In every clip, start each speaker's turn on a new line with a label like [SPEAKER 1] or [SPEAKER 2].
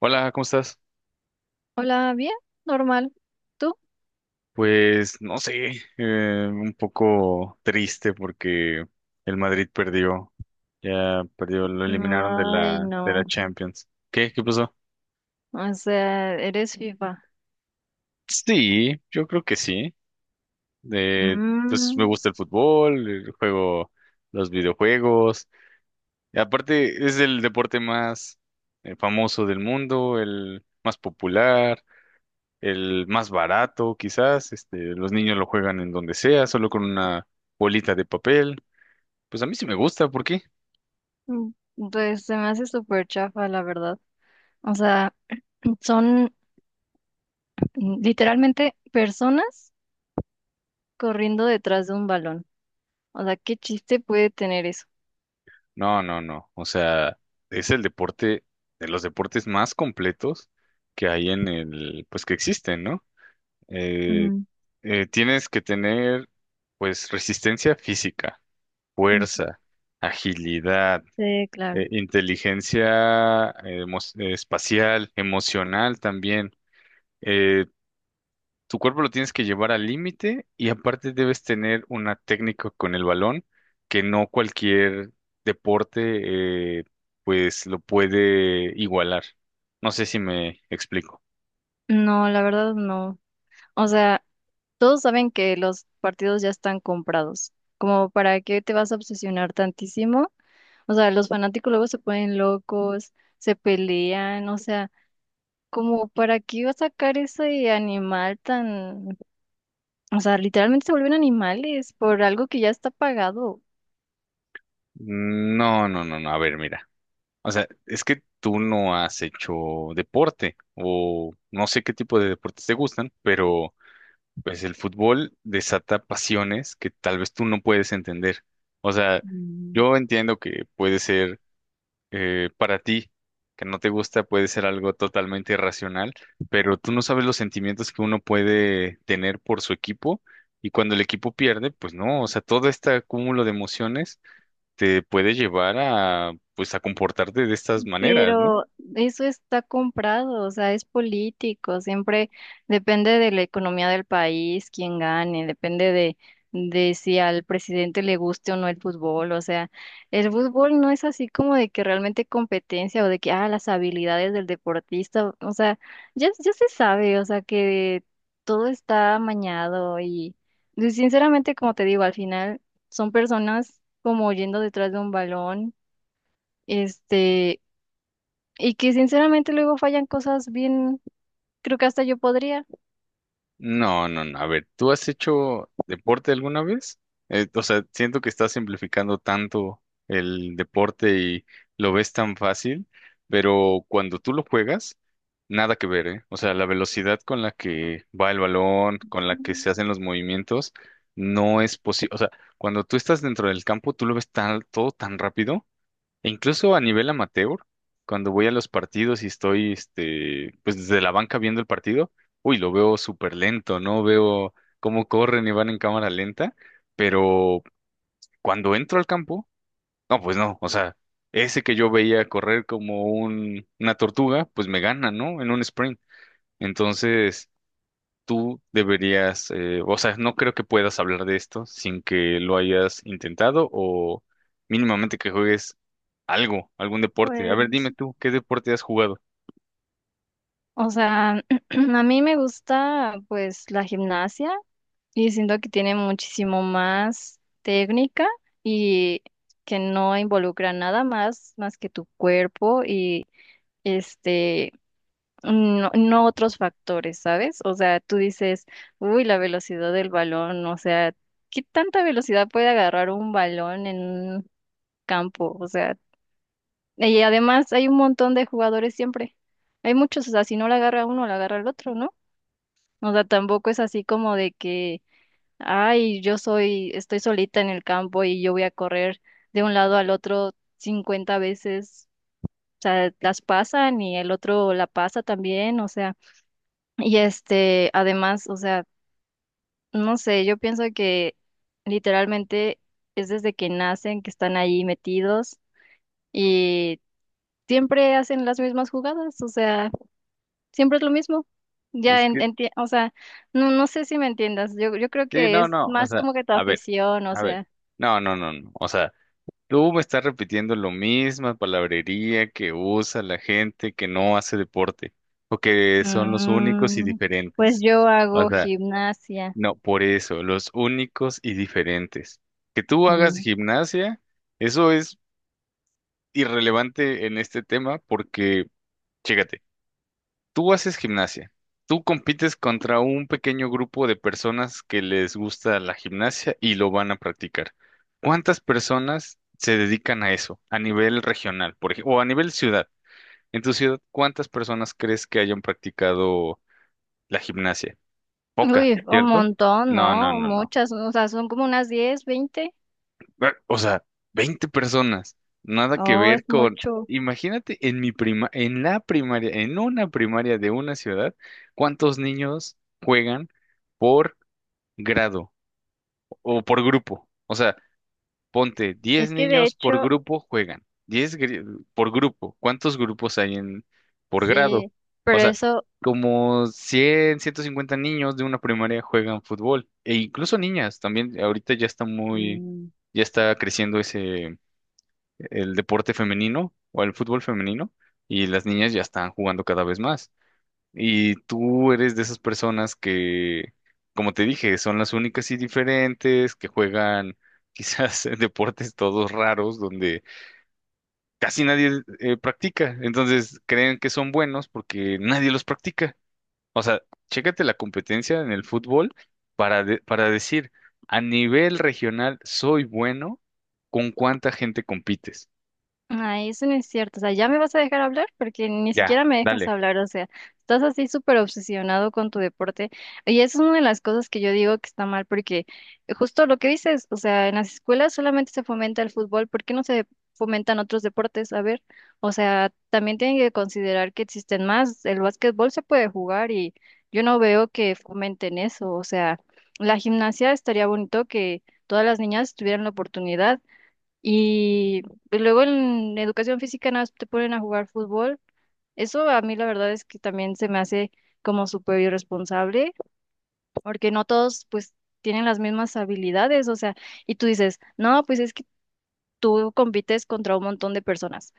[SPEAKER 1] Hola, ¿cómo estás?
[SPEAKER 2] Hola, bien, normal. ¿Tú?
[SPEAKER 1] Pues no sé, un poco triste porque el Madrid perdió, ya perdió, lo eliminaron de
[SPEAKER 2] Ay,
[SPEAKER 1] la
[SPEAKER 2] no.
[SPEAKER 1] Champions. ¿Qué? ¿Qué pasó?
[SPEAKER 2] O sea, eres FIFA.
[SPEAKER 1] Sí, yo creo que sí. De, pues me
[SPEAKER 2] Mm,
[SPEAKER 1] gusta el fútbol, el juego, los videojuegos. Y aparte es el deporte más famoso del mundo, el más popular, el más barato, quizás. Este, los niños lo juegan en donde sea, solo con una bolita de papel. Pues a mí sí me gusta, ¿por qué?
[SPEAKER 2] mm, pues se me hace súper chafa, la verdad. O sea, son literalmente personas corriendo detrás de un balón. O sea, ¿qué chiste puede tener eso?
[SPEAKER 1] No, no, no. O sea, es el deporte, de los deportes más completos que hay en pues que existen, ¿no? Eh,
[SPEAKER 2] Mm,
[SPEAKER 1] tienes que tener, pues, resistencia física,
[SPEAKER 2] mm.
[SPEAKER 1] fuerza, agilidad,
[SPEAKER 2] Sí, claro.
[SPEAKER 1] inteligencia espacial, emocional también. eh, Tu cuerpo lo tienes que llevar al límite y aparte debes tener una técnica con el balón que no cualquier deporte pues lo puede igualar. No sé si me explico.
[SPEAKER 2] No, la verdad no. O sea, todos saben que los partidos ya están comprados. Como para qué te vas a obsesionar tantísimo. O sea, los fanáticos luego se ponen locos, se pelean, o sea, como para qué iba a sacar ese animal tan, o sea, literalmente se vuelven animales por algo que ya está pagado.
[SPEAKER 1] No, no, no, no. A ver, mira. O sea, es que tú no has hecho deporte o no sé qué tipo de deportes te gustan, pero pues el fútbol desata pasiones que tal vez tú no puedes entender. O sea, yo entiendo que puede ser para ti, que no te gusta, puede ser algo totalmente irracional, pero tú no sabes los sentimientos que uno puede tener por su equipo y cuando el equipo pierde, pues no, o sea, todo este acúmulo de emociones te puede llevar a, pues, a comportarte de estas maneras, ¿no?
[SPEAKER 2] Pero eso está comprado, o sea, es político, siempre depende de la economía del país, quién gane, depende de si al presidente le guste o no el fútbol, o sea, el fútbol no es así como de que realmente competencia o de que, ah, las habilidades del deportista, o sea, ya, ya se sabe, o sea, que todo está amañado y sinceramente, como te digo, al final son personas como yendo detrás de un balón. Este, y que sinceramente luego fallan cosas bien, creo que hasta yo podría.
[SPEAKER 1] No, no, no. A ver, ¿tú has hecho deporte alguna vez? O sea, siento que estás simplificando tanto el deporte y lo ves tan fácil, pero cuando tú lo juegas, nada que ver, ¿eh? O sea, la velocidad con la que va el balón, con la que se
[SPEAKER 2] Mm,
[SPEAKER 1] hacen los movimientos, no es posible. O sea, cuando tú estás dentro del campo, tú lo ves tan, todo tan rápido e incluso a nivel amateur, cuando voy a los partidos y estoy, este, pues desde la banca viendo el partido, uy, lo veo súper lento, ¿no? Veo cómo corren y van en cámara lenta, pero cuando entro al campo, no, pues no, o sea, ese que yo veía correr como una tortuga, pues me gana, ¿no? En un sprint. Entonces, tú deberías, o sea, no creo que puedas hablar de esto sin que lo hayas intentado o mínimamente que juegues algo, algún deporte. A ver,
[SPEAKER 2] Pues,
[SPEAKER 1] dime tú, ¿qué deporte has jugado?
[SPEAKER 2] o sea, a mí me gusta pues la gimnasia y siento que tiene muchísimo más técnica y que no involucra nada más que tu cuerpo y este no, no otros factores, ¿sabes? O sea, tú dices, uy, la velocidad del balón, o sea, ¿qué tanta velocidad puede agarrar un balón en campo? O sea, y además hay un montón de jugadores siempre. Hay muchos, o sea, si no la agarra uno, la agarra el otro, ¿no? O sea, tampoco es así como de que, ay, yo soy, estoy solita en el campo y yo voy a correr de un lado al otro 50 veces. O sea, las pasan y el otro la pasa también, o sea, y este, además, o sea, no sé, yo pienso que literalmente es desde que nacen que están ahí metidos. Y siempre hacen las mismas jugadas, o sea, siempre es lo mismo. Ya,
[SPEAKER 1] Es que,
[SPEAKER 2] o sea, no, no sé si me entiendas, yo creo
[SPEAKER 1] sí,
[SPEAKER 2] que
[SPEAKER 1] no,
[SPEAKER 2] es
[SPEAKER 1] no, o
[SPEAKER 2] más
[SPEAKER 1] sea,
[SPEAKER 2] como que tu
[SPEAKER 1] a ver,
[SPEAKER 2] afición, o
[SPEAKER 1] a ver,
[SPEAKER 2] sea,
[SPEAKER 1] no, no, no, no, o sea, tú me estás repitiendo lo misma palabrería que usa la gente que no hace deporte o que son los únicos y
[SPEAKER 2] mm, pues
[SPEAKER 1] diferentes.
[SPEAKER 2] yo
[SPEAKER 1] O
[SPEAKER 2] hago
[SPEAKER 1] sea,
[SPEAKER 2] gimnasia.
[SPEAKER 1] no, por eso, los únicos y diferentes. Que tú hagas
[SPEAKER 2] mm,
[SPEAKER 1] gimnasia, eso es irrelevante en este tema porque, chécate, tú haces gimnasia, tú compites contra un pequeño grupo de personas que les gusta la gimnasia y lo van a practicar. ¿Cuántas personas se dedican a eso a nivel regional, por ejemplo, o a nivel ciudad? En tu ciudad, ¿cuántas personas crees que hayan practicado la gimnasia? Poca,
[SPEAKER 2] Uy, un
[SPEAKER 1] ¿cierto?
[SPEAKER 2] montón,
[SPEAKER 1] No, no,
[SPEAKER 2] ¿no?
[SPEAKER 1] no, no.
[SPEAKER 2] Muchas, o sea, son como unas 10 20.
[SPEAKER 1] O sea, 20 personas, nada que
[SPEAKER 2] Oh,
[SPEAKER 1] ver
[SPEAKER 2] es
[SPEAKER 1] con,
[SPEAKER 2] mucho.
[SPEAKER 1] imagínate en mi prima, en la primaria, en una primaria de una ciudad, ¿cuántos niños juegan por grado o por grupo? O sea, ponte 10
[SPEAKER 2] Es que de
[SPEAKER 1] niños por
[SPEAKER 2] hecho,
[SPEAKER 1] grupo juegan, por grupo, ¿cuántos grupos hay en por grado?
[SPEAKER 2] sí,
[SPEAKER 1] O
[SPEAKER 2] pero
[SPEAKER 1] sea,
[SPEAKER 2] eso.
[SPEAKER 1] como 100, 150 niños de una primaria juegan fútbol, e incluso niñas también, ahorita ya está muy,
[SPEAKER 2] mm,
[SPEAKER 1] ya está creciendo ese el deporte femenino o el fútbol femenino y las niñas ya están jugando cada vez más. Y tú eres de esas personas que, como te dije, son las únicas y diferentes, que juegan quizás deportes todos raros donde casi nadie practica. Entonces creen que son buenos porque nadie los practica. O sea, chécate la competencia en el fútbol para, para decir, a nivel regional soy bueno, ¿con cuánta gente compites?
[SPEAKER 2] Ay, eso no es cierto. O sea, ¿ya me vas a dejar hablar? Porque ni
[SPEAKER 1] Ya,
[SPEAKER 2] siquiera me dejas
[SPEAKER 1] dale.
[SPEAKER 2] hablar. O sea, estás así súper obsesionado con tu deporte. Y eso es una de las cosas que yo digo que está mal, porque justo lo que dices, o sea, en las escuelas solamente se fomenta el fútbol. ¿Por qué no se fomentan otros deportes? A ver, o sea, también tienen que considerar que existen más. El básquetbol se puede jugar y yo no veo que fomenten eso. O sea, la gimnasia estaría bonito que todas las niñas tuvieran la oportunidad. Y luego en educación física nada más te ponen a jugar fútbol. Eso a mí la verdad es que también se me hace como súper irresponsable, porque no todos pues tienen las mismas habilidades, o sea, y tú dices, no, pues es que tú compites contra un montón de personas,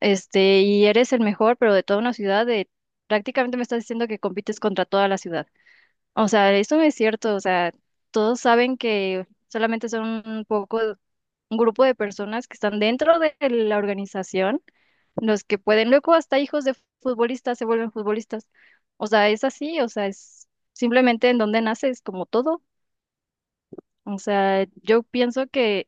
[SPEAKER 2] este, y eres el mejor, pero de toda una ciudad, prácticamente me estás diciendo que compites contra toda la ciudad. O sea, eso no es cierto. O sea, todos saben que solamente son un poco, un grupo de personas que están dentro de la organización, los que pueden, luego hasta hijos de futbolistas se vuelven futbolistas. O sea, es así, o sea, es simplemente en donde naces, como todo. O sea, yo pienso que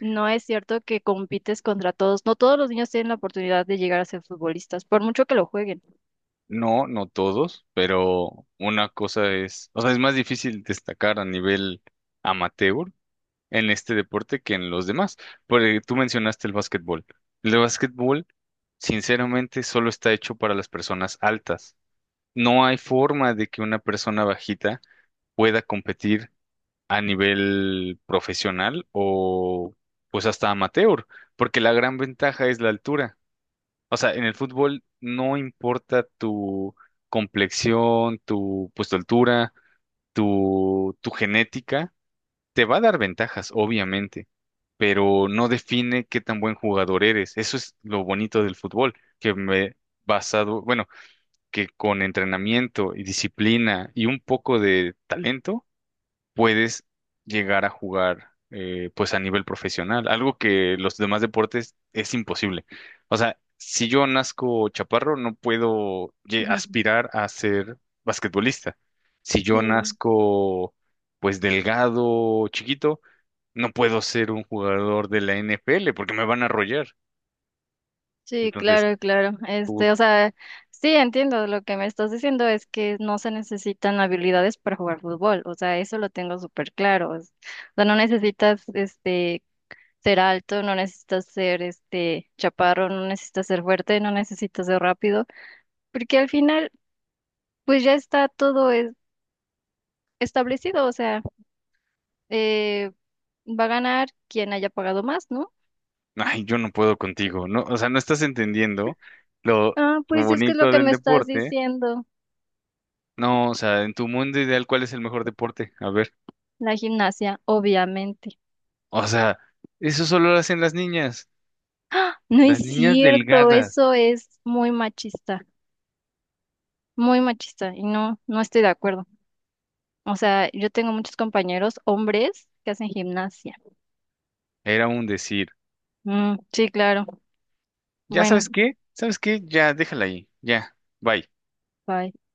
[SPEAKER 2] no es cierto que compites contra todos. No todos los niños tienen la oportunidad de llegar a ser futbolistas, por mucho que lo jueguen.
[SPEAKER 1] No, no todos, pero una cosa es, o sea, es más difícil destacar a nivel amateur en este deporte que en los demás. Porque tú mencionaste el básquetbol. El básquetbol, sinceramente, solo está hecho para las personas altas. No hay forma de que una persona bajita pueda competir a nivel profesional o pues hasta amateur, porque la gran ventaja es la altura. O sea, en el fútbol no importa tu complexión, pues, tu altura, tu genética, te va a dar ventajas, obviamente, pero no define qué tan buen jugador eres. Eso es lo bonito del fútbol, que me basado, bueno, que con entrenamiento y disciplina y un poco de talento puedes llegar a jugar pues a nivel profesional, algo que los demás deportes es imposible. O sea, si yo nazco chaparro, no puedo
[SPEAKER 2] Ujú.
[SPEAKER 1] aspirar a ser basquetbolista. Si yo
[SPEAKER 2] Sí.
[SPEAKER 1] nazco pues delgado, chiquito, no puedo ser un jugador de la NFL porque me van a arrollar.
[SPEAKER 2] Sí,
[SPEAKER 1] Entonces
[SPEAKER 2] claro, claro.
[SPEAKER 1] tú,
[SPEAKER 2] Este, o sea, sí, entiendo. Lo que me estás diciendo es que no se necesitan habilidades para jugar fútbol. O sea, eso lo tengo súper claro. O sea, no necesitas, este, ser alto, no necesitas ser, este, chaparro, no necesitas ser fuerte, no necesitas ser rápido, porque al final, pues ya está todo establecido. O sea, eh, va a ganar quien haya pagado más, ¿no?
[SPEAKER 1] ay, yo no puedo contigo, ¿no? O sea, no estás entendiendo lo
[SPEAKER 2] Ah, pues es que es lo
[SPEAKER 1] bonito
[SPEAKER 2] que
[SPEAKER 1] del
[SPEAKER 2] me estás
[SPEAKER 1] deporte.
[SPEAKER 2] diciendo.
[SPEAKER 1] No, o sea, en tu mundo ideal, ¿cuál es el mejor deporte? A ver,
[SPEAKER 2] La gimnasia, obviamente.
[SPEAKER 1] o sea, eso solo lo hacen
[SPEAKER 2] ¡Ah! No es
[SPEAKER 1] las niñas
[SPEAKER 2] cierto,
[SPEAKER 1] delgadas,
[SPEAKER 2] eso es muy machista y no, no estoy de acuerdo. O sea, yo tengo muchos compañeros hombres que hacen gimnasia.
[SPEAKER 1] era un decir.
[SPEAKER 2] Mm, sí, claro.
[SPEAKER 1] ¿Ya
[SPEAKER 2] Bueno,
[SPEAKER 1] sabes qué? ¿Sabes qué? Ya, déjala ahí, ya, bye.
[SPEAKER 2] bye.